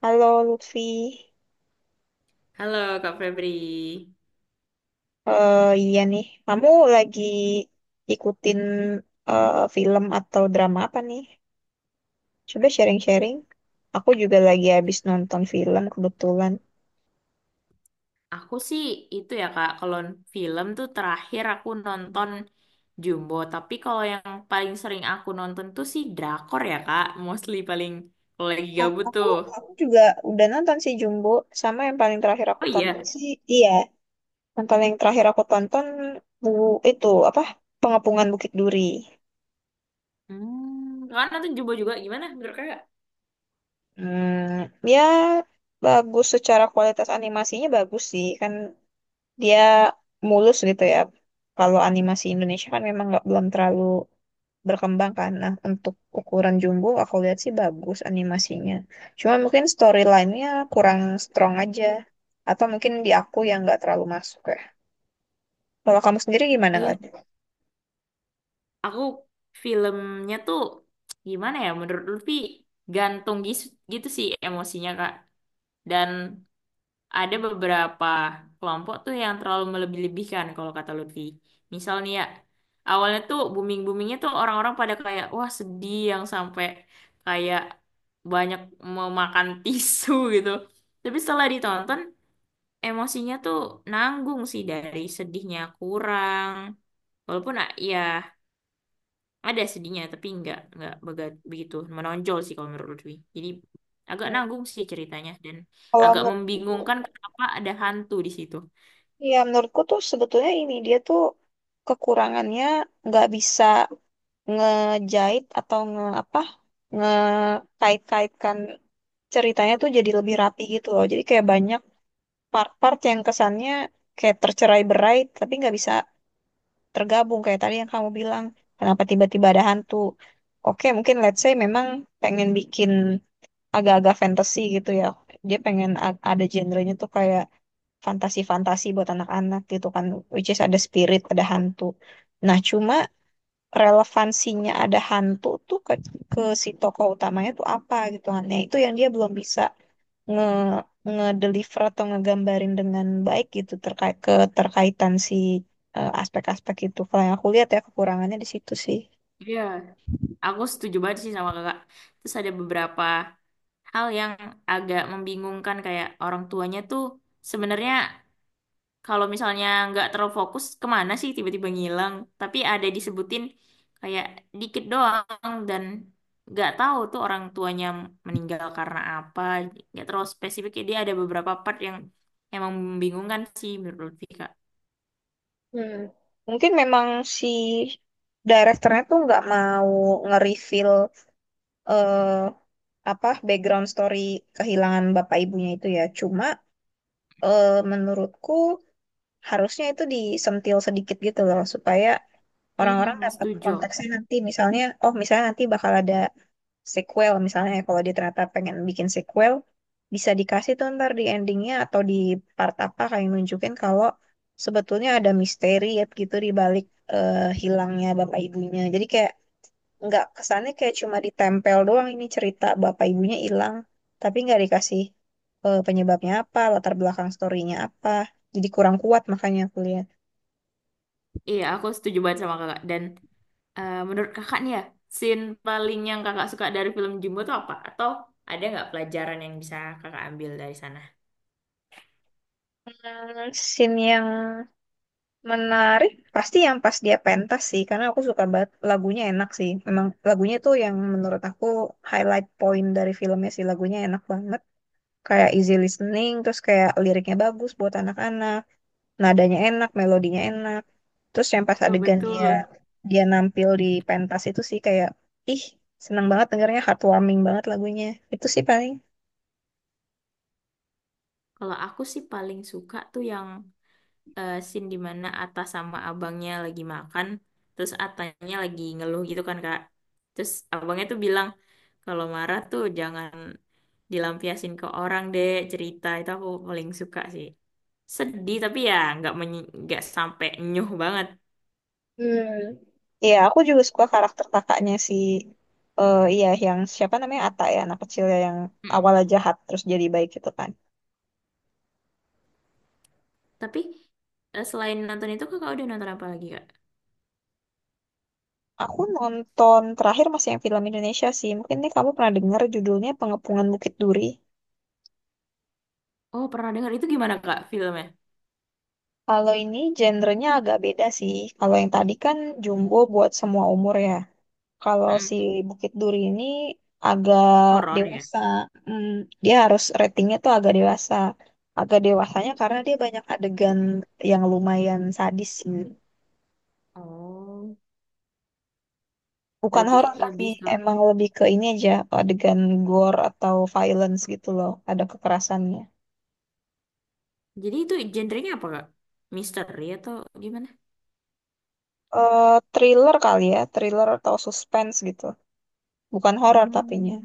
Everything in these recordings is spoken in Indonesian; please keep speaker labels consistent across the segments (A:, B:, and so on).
A: Halo Lutfi.
B: Halo Kak Febri.
A: Kamu lagi ikutin film atau drama apa nih? Coba sharing-sharing. Aku juga lagi habis nonton film kebetulan.
B: Aku sih itu ya Kak, kalau film tuh terakhir aku nonton Jumbo. Tapi kalau yang paling sering aku nonton tuh sih drakor ya Kak. Mostly paling kalau lagi
A: Ah,
B: gabut
A: Aku
B: tuh.
A: aku juga udah nonton sih Jumbo, sama yang paling terakhir aku
B: Oh
A: tonton
B: iya.
A: sih, iya, yang paling terakhir aku tonton bu itu apa? Pengepungan Bukit Duri.
B: Hmm, Kakak nonton Jumbo juga gimana menurut Kakak?
A: Hmm, ya bagus, secara kualitas animasinya bagus sih kan dia mulus gitu ya. Kalau animasi Indonesia kan memang nggak belum terlalu berkembang kan. Nah, untuk ukuran jumbo aku lihat sih bagus animasinya. Cuma mungkin storyline-nya kurang strong aja. Atau mungkin di aku yang nggak terlalu masuk ya. Kalau kamu sendiri gimana nggak?
B: Iya, aku filmnya tuh gimana ya menurut Lutfi gantung gitu sih emosinya Kak. Dan ada beberapa kelompok tuh yang terlalu melebih-lebihkan kalau kata Lutfi. Misal nih ya, awalnya tuh booming-boomingnya tuh orang-orang pada kayak, wah sedih yang sampai kayak banyak memakan tisu gitu. Tapi setelah ditonton, emosinya tuh nanggung sih dari sedihnya kurang. Walaupun ya ada sedihnya, tapi nggak begitu menonjol sih kalau menurut Lutfi. Jadi agak
A: Hmm.
B: nanggung sih ceritanya dan
A: Kalau
B: agak
A: menurut,
B: membingungkan kenapa ada hantu di situ.
A: ya menurutku tuh sebetulnya ini dia tuh kekurangannya nggak bisa ngejahit atau nge apa, ngekait-kaitkan ceritanya tuh jadi lebih rapi gitu loh. Jadi kayak banyak part-part yang kesannya kayak tercerai-berai tapi nggak bisa tergabung, kayak tadi yang kamu bilang, kenapa tiba-tiba ada hantu. Oke, mungkin let's say memang pengen bikin agak-agak fantasy gitu ya. Dia pengen ada genrenya tuh kayak fantasi-fantasi buat anak-anak gitu kan, which is ada spirit, ada hantu. Nah, cuma relevansinya ada hantu tuh ke si tokoh utamanya tuh apa gitu kan. Nah, itu yang dia belum bisa nge ngedeliver atau ngegambarin dengan baik gitu, terkait keterkaitan si aspek-aspek itu. Kalau yang aku lihat ya kekurangannya di situ sih.
B: Iya, aku setuju banget sih sama kakak. Terus ada beberapa hal yang agak membingungkan kayak orang tuanya tuh sebenarnya kalau misalnya nggak terlalu fokus kemana sih tiba-tiba ngilang. Tapi ada disebutin kayak dikit doang dan nggak tahu tuh orang tuanya meninggal karena apa. Nggak terlalu spesifik. Dia ada beberapa part yang emang membingungkan sih menurut Vika.
A: Hmm. Mungkin memang si direkturnya tuh nggak mau nge-reveal eh, apa background story kehilangan bapak ibunya itu ya. Cuma menurutku harusnya itu disentil sedikit gitu loh, supaya
B: Iya,
A: orang-orang dapat
B: setuju.
A: konteksnya. Nanti misalnya, oh misalnya nanti bakal ada sequel misalnya ya, kalau dia ternyata pengen bikin sequel bisa dikasih tuh ntar di endingnya atau di part apa, kayak nunjukin kalau sebetulnya ada misteri ya gitu di balik hilangnya bapak ibunya, jadi kayak nggak kesannya kayak cuma ditempel doang ini cerita bapak ibunya hilang tapi nggak dikasih penyebabnya apa, latar belakang storynya apa, jadi kurang kuat makanya aku lihat.
B: Iya, aku setuju banget sama kakak. Dan, menurut kakak nih ya, scene paling yang kakak suka dari film Jumbo tuh apa? Atau ada nggak pelajaran yang bisa kakak ambil dari sana?
A: Hmm, scene yang menarik, pasti yang pas dia pentas sih, karena aku suka banget lagunya enak sih. Memang lagunya tuh yang menurut aku highlight point dari filmnya sih, lagunya enak banget. Kayak easy listening, terus kayak liriknya bagus buat anak-anak, nadanya enak, melodinya enak. Terus yang pas
B: Ya
A: adegan dia
B: betul.
A: dia nampil di pentas itu sih kayak, ih, seneng banget dengarnya, heartwarming banget lagunya. Itu sih paling.
B: Kalau aku sih paling suka tuh yang scene dimana Atta sama abangnya lagi makan, terus Atanya lagi ngeluh gitu kan kak. Terus abangnya tuh bilang kalau marah tuh jangan dilampiasin ke orang deh cerita itu aku paling suka sih. Sedih tapi ya nggak nggak sampai nyuh banget.
A: Hmm. Iya, aku juga suka karakter kakaknya si iya, yang siapa namanya, Ata ya, anak kecil ya yang awalnya jahat terus jadi baik gitu kan.
B: Tapi selain nonton itu kakak udah nonton apa lagi kak?
A: Aku nonton terakhir masih yang film Indonesia sih. Mungkin nih kamu pernah dengar judulnya, Pengepungan Bukit Duri.
B: Oh pernah dengar, itu gimana kak filmnya?
A: Kalau ini genrenya agak beda sih. Kalau yang tadi kan Jumbo buat semua umur ya. Kalau si
B: Mm-mm.
A: Bukit Duri ini agak
B: Horor ya?
A: dewasa. Hmm, dia harus ratingnya tuh agak dewasa. Agak dewasanya karena dia banyak adegan yang lumayan sadis sih.
B: Oh,
A: Bukan
B: berarti
A: horor, tapi
B: lebih ke...
A: emang lebih ke ini aja, adegan gore atau violence gitu loh. Ada kekerasannya.
B: Jadi itu genrenya apa kak? Misteri atau gimana?
A: Eh thriller kali ya, thriller atau suspense gitu. Bukan horor tapinya.
B: Hmm,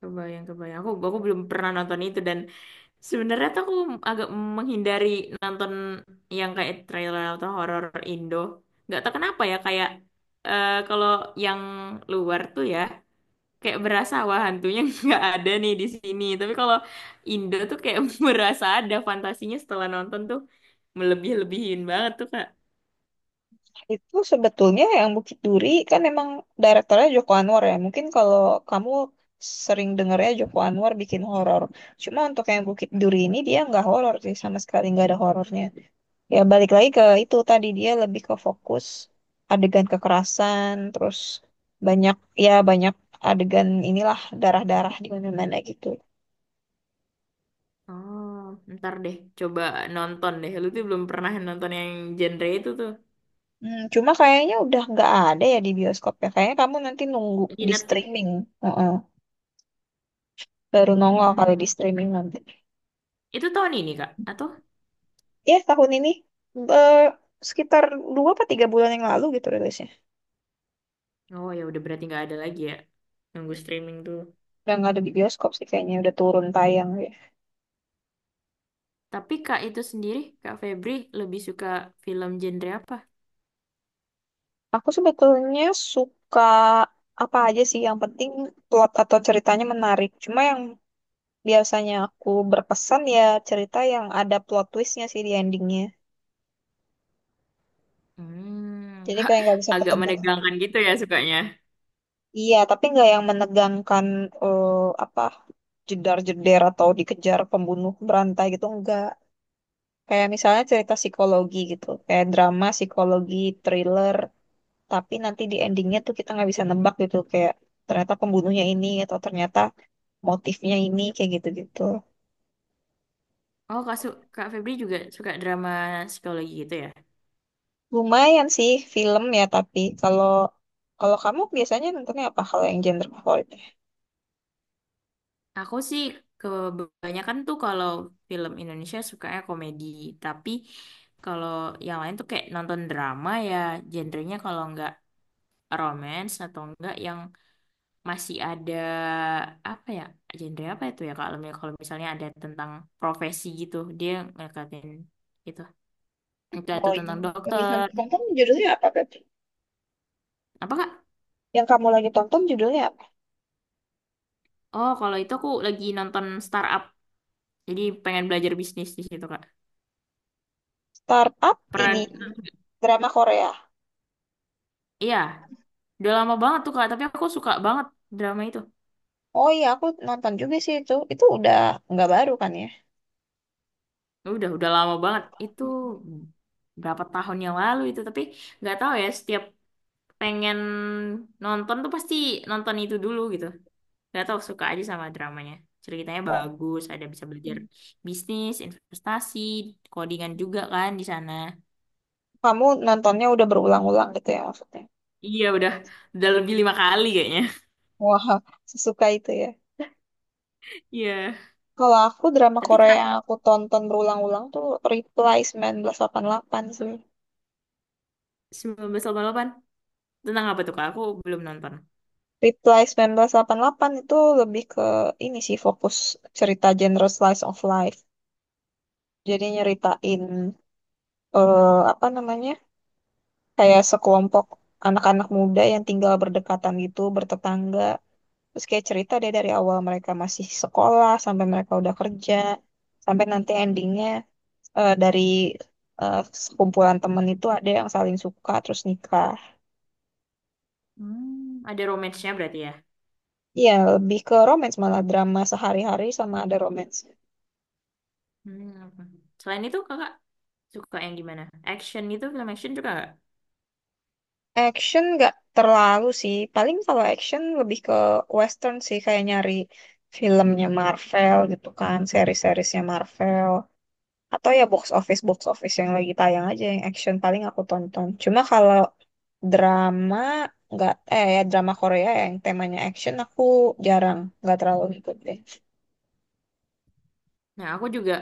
B: kebayang kebayang. Aku belum pernah nonton itu dan sebenarnya tuh aku agak menghindari nonton yang kayak trailer atau horor Indo. Nggak tahu kenapa ya kayak kalau yang luar tuh ya. Kayak berasa wah hantunya nggak ada nih di sini. Tapi kalau Indo tuh kayak berasa ada fantasinya setelah nonton tuh melebih-lebihin banget tuh Kak.
A: Itu sebetulnya yang Bukit Duri kan emang direktornya Joko Anwar ya. Mungkin kalau kamu sering dengarnya Joko Anwar bikin horor. Cuma untuk yang Bukit Duri ini dia nggak horor sih, sama sekali nggak ada horornya. Ya balik lagi ke itu tadi, dia lebih ke fokus adegan kekerasan, terus banyak, ya banyak adegan inilah, darah-darah di mana-mana gitu.
B: Oh, ntar deh coba nonton deh. Lu tuh belum pernah nonton yang genre itu tuh.
A: Hmm, cuma kayaknya udah nggak ada ya di bioskop ya. Kayaknya kamu nanti nunggu
B: Di
A: di
B: Netflix?
A: streaming. Heeh. Baru nongol kali di
B: Hmm.
A: streaming nanti.
B: Itu tahun ini Kak? Atau?
A: Ya tahun ini, eh, sekitar dua apa tiga bulan yang lalu gitu rilisnya.
B: Oh ya udah berarti nggak ada lagi ya. Nunggu streaming tuh.
A: Udah nggak ada di bioskop sih kayaknya, udah turun tayang. Ya,
B: Tapi Kak itu sendiri, Kak Febri lebih suka film genre apa?
A: aku sebetulnya suka apa aja sih, yang penting plot atau ceritanya menarik. Cuma yang biasanya aku berpesan ya cerita yang ada plot twistnya sih di endingnya.
B: Hmm,
A: Jadi kayak nggak bisa
B: agak
A: ketebak.
B: menegangkan gitu ya sukanya.
A: Iya, tapi nggak yang menegangkan eh, apa, jedar-jeder atau dikejar pembunuh berantai gitu enggak. Kayak misalnya cerita psikologi gitu, kayak drama psikologi, thriller, tapi nanti di endingnya tuh kita nggak bisa nebak gitu, kayak ternyata pembunuhnya ini, atau ternyata motifnya ini, kayak gitu-gitu.
B: Oh, Kak, Kak Febri juga suka drama psikologi gitu ya?
A: Lumayan sih film ya, tapi kalau kalau kamu biasanya nontonnya apa kalau yang genre favoritnya?
B: Aku sih kebanyakan tuh kalau film Indonesia sukanya komedi, tapi kalau yang lain tuh kayak nonton drama ya, genrenya kalau nggak romance atau enggak yang masih ada apa ya, genre apa itu ya Kak? Kalau misalnya ada tentang profesi gitu, dia ngekatin gitu. Entah itu
A: Oh iya,
B: tentang
A: lagi kamu
B: dokter,
A: tonton judulnya apa berarti?
B: apa Kak?
A: Yang kamu lagi tonton judulnya apa?
B: Oh, kalau itu aku lagi nonton startup, jadi pengen belajar bisnis di situ Kak.
A: Startup
B: Pernah.
A: ini drama Korea.
B: Iya, udah lama banget tuh Kak, tapi aku suka banget drama itu.
A: Oh iya, aku nonton juga sih itu. Itu udah nggak baru kan ya?
B: Udah lama banget. Itu berapa tahun yang lalu itu, tapi nggak tahu ya, setiap pengen nonton tuh pasti nonton itu dulu gitu. Nggak tahu, suka aja sama dramanya. Ceritanya
A: Oh.
B: bagus, ada bisa belajar bisnis, investasi, codingan juga kan di sana.
A: Kamu nontonnya udah berulang-ulang gitu ya maksudnya.
B: Iya, udah lebih 5 kali kayaknya.
A: Wah, sesuka itu ya.
B: Iya.
A: Kalau aku drama
B: Tapi
A: Korea yang
B: terakhir
A: aku tonton berulang-ulang tuh Reply 1988 sih.
B: 1988, tentang apa tuh Kak? Aku belum nonton.
A: Reply 1988 itu lebih ke ini sih, fokus cerita genre slice of life. Jadi nyeritain eh, apa namanya? Kayak sekelompok anak-anak muda yang tinggal berdekatan gitu, bertetangga. Terus kayak cerita dia dari awal mereka masih sekolah sampai mereka udah kerja, sampai nanti endingnya eh, dari eh, sekumpulan temen itu ada yang saling suka terus nikah.
B: Hmm, ada romance-nya berarti ya.
A: Iya, lebih ke romance, malah drama sehari-hari sama ada romance.
B: Hmm. Selain itu kakak suka yang gimana? Action gitu, film action juga nggak?
A: Action nggak terlalu sih. Paling kalau action lebih ke western sih kayak nyari filmnya Marvel gitu kan, seri-serisnya Marvel. Atau ya box office, box office yang lagi tayang aja yang action paling aku tonton. Cuma kalau drama nggak, eh ya drama Korea yang temanya action aku jarang, nggak terlalu ngikutin.
B: Nah, aku juga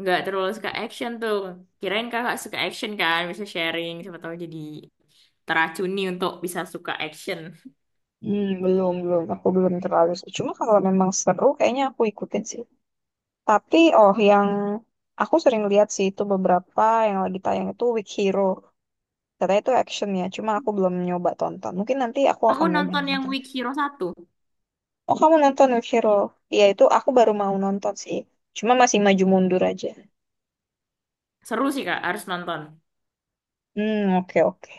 B: nggak terlalu suka action tuh. Kirain kakak suka action kan, bisa sharing, siapa tahu jadi teracuni untuk bisa suka action.
A: Hmm, belum, belum. Aku belum terlalu sih. Cuma kalau memang seru, kayaknya aku ikutin sih. Tapi, oh, yang aku sering lihat sih itu beberapa yang lagi tayang itu Weak Hero. Katanya itu action ya, cuma aku belum nyoba tonton. Mungkin nanti aku
B: Aku
A: akan nyoba
B: nonton yang
A: nonton.
B: Weak Hero satu.
A: Oh, kamu nonton Weak Hero? Iya, itu aku baru mau nonton sih. Cuma masih maju mundur aja.
B: Seru sih kak, harus nonton.
A: Hmm, oke oke.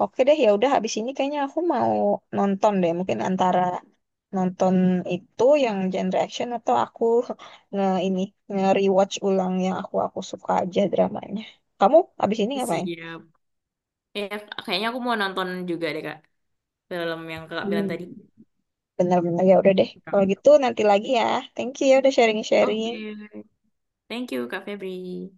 A: Oke deh, ya udah habis ini kayaknya aku mau nonton deh, mungkin antara nonton itu yang genre action, atau aku nge ini, nge-rewatch ulang yang aku suka aja dramanya. Kamu habis ini ngapain?
B: Siap. Ya, kayaknya aku mau nonton juga deh kak, film yang kakak bilang
A: Hmm.
B: tadi.
A: Benar-benar ya udah deh. Kalau gitu nanti lagi ya. Thank you ya udah sharing-sharing.
B: Oke. Thank you Kak Febri.